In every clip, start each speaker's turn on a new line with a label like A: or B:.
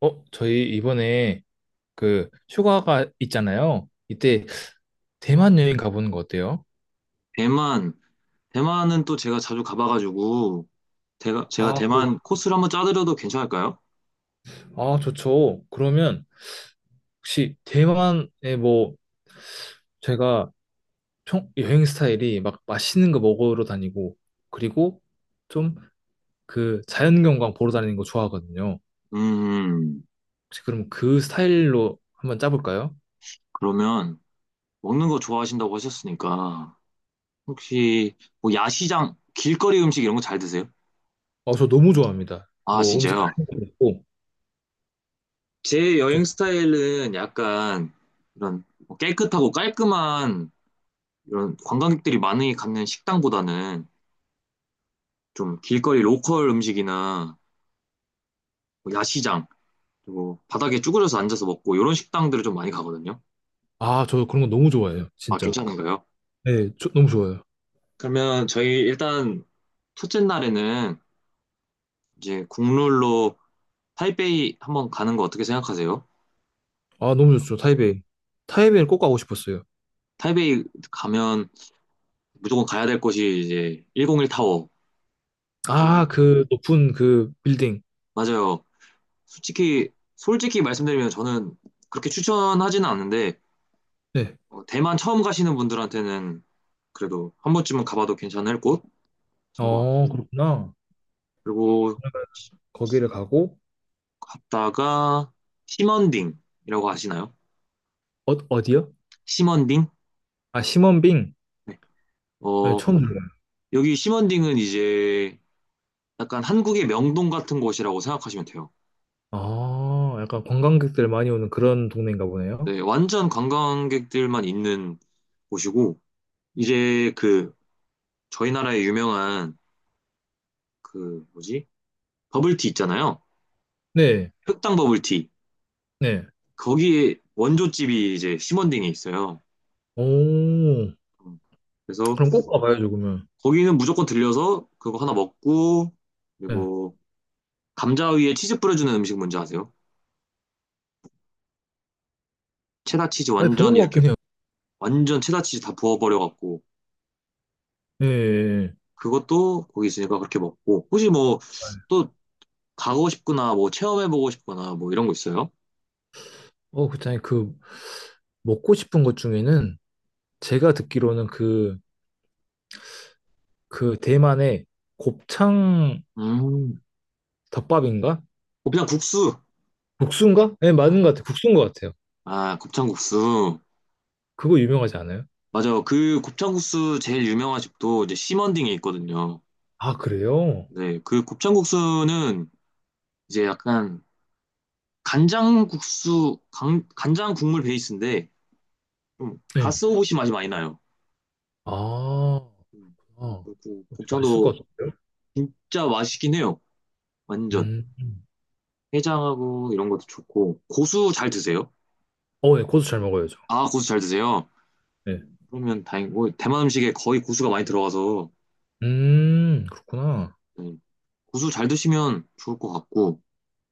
A: 어, 저희 이번에 그 휴가가 있잖아요. 이때 대만 여행 가보는 거 어때요?
B: 대만, 대만은 또 제가 자주 가봐가지고, 제가
A: 아, 그-
B: 대만 코스를 한번 짜드려도 괜찮을까요?
A: 아, 좋죠. 그러면 혹시 대만에 뭐 제가 총 여행 스타일이 막 맛있는 거 먹으러 다니고 그리고 좀 그 자연경관 보러 다니는 거 좋아하거든요.
B: 음,
A: 혹시 그럼 그 스타일로 한번 짜볼까요?
B: 그러면 먹는 거 좋아하신다고 하셨으니까, 혹시 뭐 야시장, 길거리 음식 이런 거 잘 드세요?
A: 어, 저 너무 좋아합니다.
B: 아,
A: 뭐 음식
B: 진짜요?
A: 같은 거 먹고.
B: 제
A: 저-
B: 여행 스타일은 약간 이런 뭐 깨끗하고 깔끔한 이런 관광객들이 많이 가는 식당보다는 좀 길거리 로컬 음식이나 뭐 야시장, 그리고 바닥에 쭈그려서 앉아서 먹고 이런 식당들을 좀 많이 가거든요.
A: 아, 저 그런 거 너무 좋아해요.
B: 아,
A: 진짜.
B: 괜찮은가요?
A: 네, 너무 좋아요.
B: 그러면 저희 일단 첫째 날에는 이제 국룰로 타이베이 한번 가는 거 어떻게 생각하세요?
A: 아, 너무 좋죠. 타이베이. 타이베이를 꼭 가고 싶었어요.
B: 타이베이 가면 무조건 가야 될 곳이 이제 101 타워. 오.
A: 아, 그 높은 그 빌딩.
B: 맞아요. 솔직히 솔직히 말씀드리면 저는 그렇게 추천하지는 않는데
A: 네.
B: 대만 처음 가시는 분들한테는 그래도 한 번쯤은 가봐도 괜찮을 곳인 것
A: 어,
B: 같고
A: 그렇구나.
B: 그리고
A: 거기를 가고,
B: 갔다가 시먼딩이라고 아시나요?
A: 어, 어디요?
B: 시먼딩?
A: 아, 시먼빙.
B: 네.
A: 네,
B: 어,
A: 처음 들어요.
B: 여기 심원딩은 이제 약간 한국의 명동 같은 곳이라고 생각하시면 돼요.
A: 아, 약간 관광객들 많이 오는 그런 동네인가 보네요.
B: 네, 완전 관광객들만 있는 곳이고, 이제 그 저희 나라의 유명한 그 뭐지? 버블티 있잖아요.
A: 네,
B: 흑당 버블티.
A: 네.
B: 거기에 원조집이 이제 심원딩에 있어요.
A: 오,
B: 음, 그래서
A: 그럼 꼭 가봐야죠, 그러면.
B: 거기는 무조건 들려서 그거 하나 먹고,
A: 네.
B: 그리고 감자 위에 치즈 뿌려주는 음식 뭔지 아세요? 체다치즈
A: 아니,
B: 완전
A: 본것
B: 이렇게
A: 같긴 해요.
B: 완전 체다치즈 다 부어버려갖고
A: 네. 네,
B: 그것도 거기 있으니까 그렇게 먹고. 혹시 뭐
A: 네.
B: 또 가고 싶거나 뭐 체험해보고 싶거나 뭐 이런 거 있어요?
A: 어, 그렇잖아요. 먹고 싶은 것 중에는 제가 듣기로는 그 대만의 곱창
B: 음.
A: 덮밥인가?
B: 곱창국수.
A: 국수인가? 네,
B: 아,
A: 맞는 것 같아요. 국수인 것 같아요.
B: 아, 곱창국수.
A: 그거 유명하지 않아요?
B: 맞아요. 그 곱창국수 제일 유명한 집도 이제 심원딩에 있거든요.
A: 아, 그래요?
B: 네, 그 곱창국수는 이제 약간 간장국수, 간장 국물 베이스인데 좀
A: 네.
B: 가스오부시 맛이 많이 나요.
A: 아,
B: 음,
A: 아,
B: 그리고
A: 맛있을 것
B: 곱창도
A: 같은데요?
B: 진짜 맛있긴 해요. 완전.
A: 음.
B: 해장하고 이런 것도 좋고. 고수 잘 드세요?
A: 어, 예, 고수 잘 먹어야죠.
B: 아, 고수 잘 드세요?
A: 네.
B: 그러면 다행, 고 대만 음식에 거의 고수가 많이 들어가서,
A: 그렇구나.
B: 네. 고수 잘 드시면 좋을 것 같고,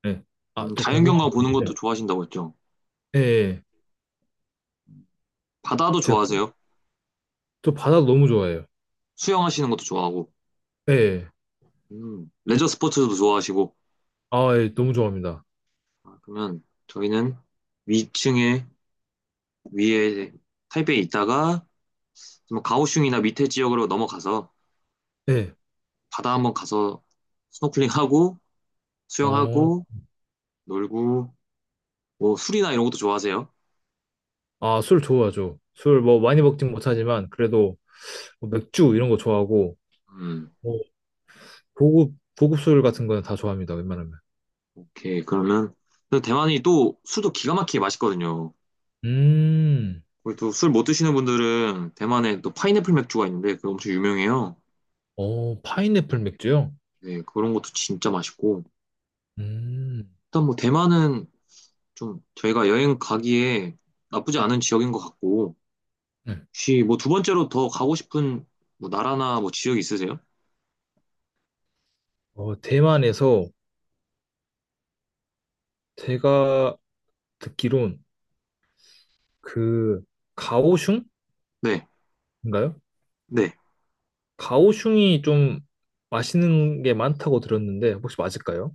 A: 네. 아, 또 궁금한
B: 자연경관
A: 게
B: 보는 것도
A: 있는데.
B: 좋아하신다고 했죠.
A: 예, 예.
B: 바다도
A: 제가
B: 좋아하세요?
A: 또 바다도 너무 좋아해요.
B: 수영하시는 것도 좋아하고,
A: 예. 예.
B: 레저 스포츠도 좋아하시고,
A: 아, 예, 너무 좋아합니다.
B: 아, 그러면 저희는 위층에, 위에 타이베이에 있다가, 좀 가오슝이나 밑에 지역으로 넘어가서,
A: 예.
B: 바다 한번 가서 스노클링하고,
A: 어,
B: 수영하고, 놀고, 뭐, 술이나 이런 것도 좋아하세요?
A: 아, 술 좋아하죠. 술 뭐 많이 먹진 못하지만, 그래도 뭐 맥주 이런 거 좋아하고,
B: 음.
A: 뭐 고급 술 같은 거는 다 좋아합니다, 웬만하면.
B: 오케이, 그러면 그 대만이 또 술도 기가 막히게 맛있거든요.
A: 음.
B: 그리고 또 술 못 드시는 분들은 대만에 또 파인애플 맥주가 있는데 그거 엄청 유명해요.
A: 어, 파인애플 맥주요?
B: 네, 그런 것도 진짜 맛있고.
A: 음.
B: 일단 뭐 대만은 좀 저희가 여행 가기에 나쁘지 않은 지역인 것 같고.
A: 네.
B: 혹시 뭐 두 번째로 더 가고 싶은 뭐 나라나 뭐 지역 있으세요?
A: 어, 대만에서 제가 듣기론 그 가오슝인가요?
B: 네, 네.
A: 가오슝이 좀 맛있는 게 많다고 들었는데 혹시 맞을까요?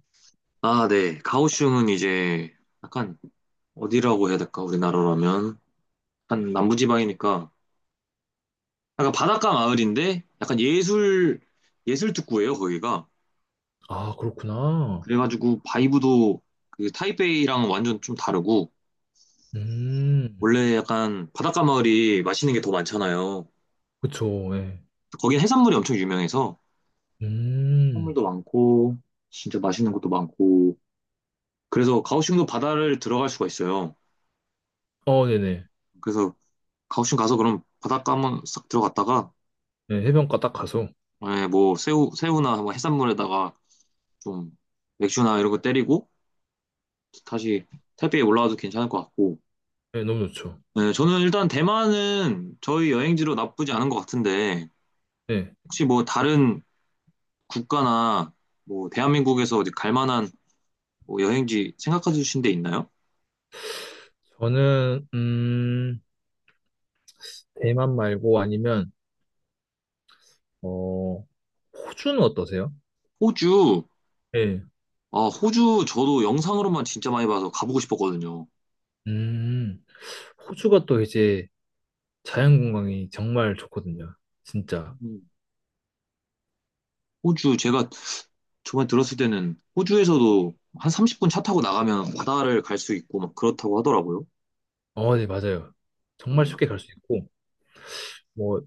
B: 아, 네. 가오슝은 이제 약간 어디라고 해야 될까? 우리나라라면. 약간 남부지방이니까 약간 바닷가 마을인데 약간 예술 특구예요 거기가
A: 아, 그렇구나.
B: 그래가지고 바이브도 그 타이베이랑 완전 좀 다르고
A: 음.
B: 원래 약간 바닷가 마을이 맛있는 게 더 많잖아요
A: 그쵸. 예.
B: 거긴 해산물이 엄청 유명해서
A: 음.
B: 해산물도 많고 진짜 맛있는 것도 많고 그래서 가오슝도 바다를 들어갈 수가 있어요
A: 어, 네네.
B: 그래서 가오슝 가서 그럼 바닷가 한번 싹 들어갔다가
A: 예, 해변가 딱 가서.
B: 예, 뭐 새우나 뭐 해산물에다가 좀 맥주나 이런 거 때리고 다시 타이베이 올라와도 괜찮을 것 같고
A: 예, 너무 좋죠.
B: 네, 저는 일단 대만은 저희 여행지로 나쁘지 않은 것 같은데,
A: 예.
B: 혹시 뭐 다른 국가나 뭐 대한민국에서 어디 갈 만한 뭐 여행지 생각해 주신 데 있나요?
A: 저는 대만 말고 아니면 어, 호주는 어떠세요?
B: 호주,
A: 예.
B: 아, 호주 저도 영상으로만 진짜 많이 봐서 가보고 싶었거든요.
A: 음. 호주가 또 이제 자연관광이 정말 좋거든요. 진짜.
B: 음, 호주, 제가 저번에 들었을 때는 호주에서도 한 30분 차 타고 나가면 바다를 갈 수 있고 막 그렇다고 하더라고요.
A: 어, 네, 맞아요. 정말
B: 맞나요?
A: 쉽게 갈 수 있고, 뭐,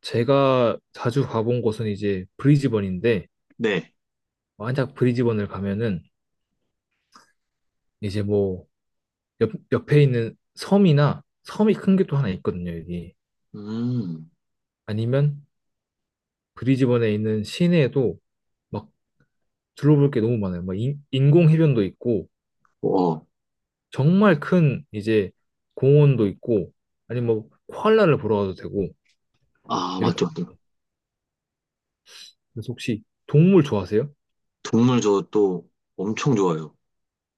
A: 제가 자주 가본 곳은 이제 브리즈번인데,
B: 네.
A: 만약 브리즈번을 가면은 이제 뭐, 옆에 있는 섬이나 섬이 큰 게 또 하나 있거든요, 여기.
B: 음.
A: 아니면 브리즈번에 있는 시내에도 막 둘러볼 게 너무 많아요. 막 인공 해변도 있고,
B: 어,
A: 정말 큰 이제 공원도 있고, 아니면 뭐, 코알라를 보러 가도 되고,
B: 아,
A: 이렇게
B: 맞죠, 맞죠.
A: 그래서 혹시 동물 좋아하세요?
B: 동물 저 또 엄청 좋아요.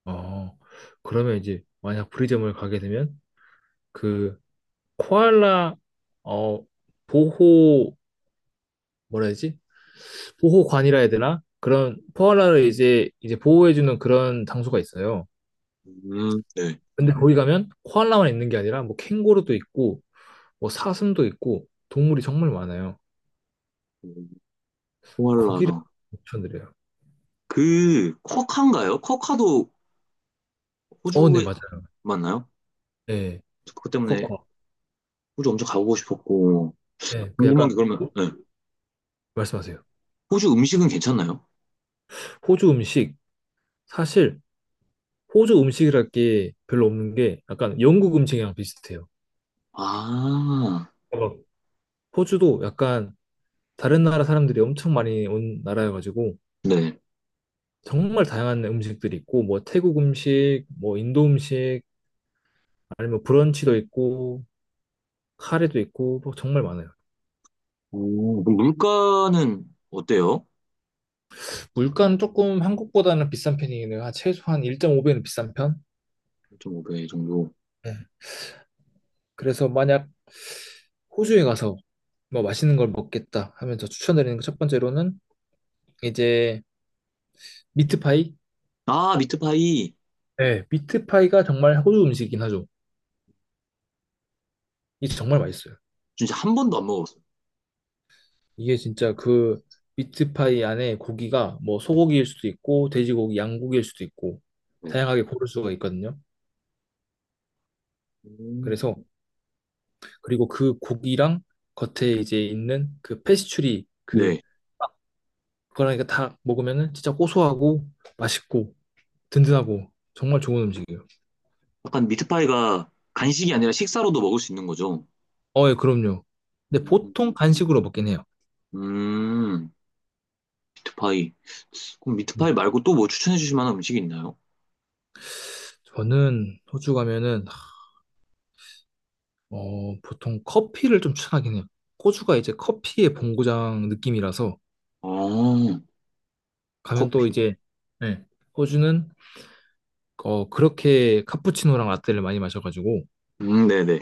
A: 어, 그러면 이제 만약 브리점을 가게 되면 그 코알라 어 보호 뭐라 해야지? 보호관이라 해야 되나? 그런 코알라를 이제 보호해주는 그런 장소가 있어요.
B: 네.
A: 근데 거기 가면 코알라만 있는 게 아니라 뭐 캥거루도 있고 뭐 사슴도 있고 동물이 정말 많아요. 거기를
B: 코알라랑
A: 추천드려요.
B: 그 쿼카인가요? 쿼카도
A: 어, 네,
B: 호주에
A: 맞아요.
B: 맞나요?
A: 네,
B: 그것 때문에
A: 코코.
B: 호주 엄청 가보고 싶었고
A: 네, 그
B: 궁금한 게
A: 약간
B: 그러면 네.
A: 말씀하세요.
B: 호주 음식은 괜찮나요?
A: 호주 음식 사실 호주 음식이랄 게 별로 없는 게 약간 영국 음식이랑 비슷해요.
B: 아,
A: 어, 호주도 약간 다른 나라 사람들이 엄청 많이 온 나라여가지고
B: 네.
A: 정말 다양한 음식들이 있고 뭐 태국 음식, 뭐 인도 음식, 아니면 브런치도 있고 카레도 있고 뭐 정말 많아요.
B: 오, 그럼 물가는 어때요?
A: 물가는 조금 한국보다는 비싼 편이긴 해요. 한 최소한 1.5배는 비싼 편?
B: 일점5배 정도.
A: 네. 그래서 만약 호주에 가서 뭐 맛있는 걸 먹겠다 하면 저 추천드리는 거 첫 번째로는 이제 미트파이.
B: 아, 미트파이
A: 네, 미트파이가 정말 호주 음식이긴 하죠. 이게 정말 맛있어요.
B: 진짜 한 번도 안 먹어봤어요.
A: 이게 진짜 그 미트파이 안에 고기가 뭐 소고기일 수도 있고 돼지고기, 양고기일 수도 있고
B: 네.
A: 다양하게 고를 수가 있거든요.
B: 음.
A: 그래서 그리고 그 고기랑 겉에 이제 있는 그 페스츄리 그
B: 네.
A: 그러니까 다 먹으면은 진짜 고소하고 맛있고 든든하고 정말 좋은 음식이에요.
B: 약간 미트파이가 간식이 아니라 식사로도 먹을 수 있는 거죠.
A: 어, 예, 그럼요. 근데
B: 음,
A: 보통 간식으로 먹긴 해요.
B: 음, 미트파이. 그럼
A: 네.
B: 미트파이 말고 또 뭐 추천해 주실 만한 음식이 있나요?
A: 저는 호주 가면은 어, 보통 커피를 좀 추천하긴 해요. 호주가 이제 커피의 본고장 느낌이라서
B: 어,
A: 가면 또
B: 커피.
A: 이제. 네, 호주는 어, 그렇게 카푸치노랑 라떼를 많이 마셔가지고
B: 네네.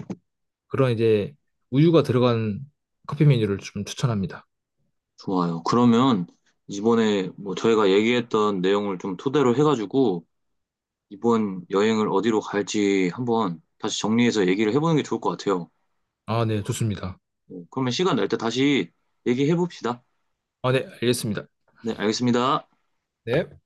A: 그런 이제 우유가 들어간 커피 메뉴를 좀 추천합니다.
B: 좋아요. 그러면 이번에 뭐 저희가 얘기했던 내용을 좀 토대로 해가지고 이번 여행을 어디로 갈지 한번 다시 정리해서 얘기를 해보는 게 좋을 것 같아요.
A: 아, 네, 좋습니다.
B: 네, 그러면 시간 날 때 다시 얘기해봅시다.
A: 아, 네, 알겠습니다.
B: 네, 알겠습니다.
A: 네.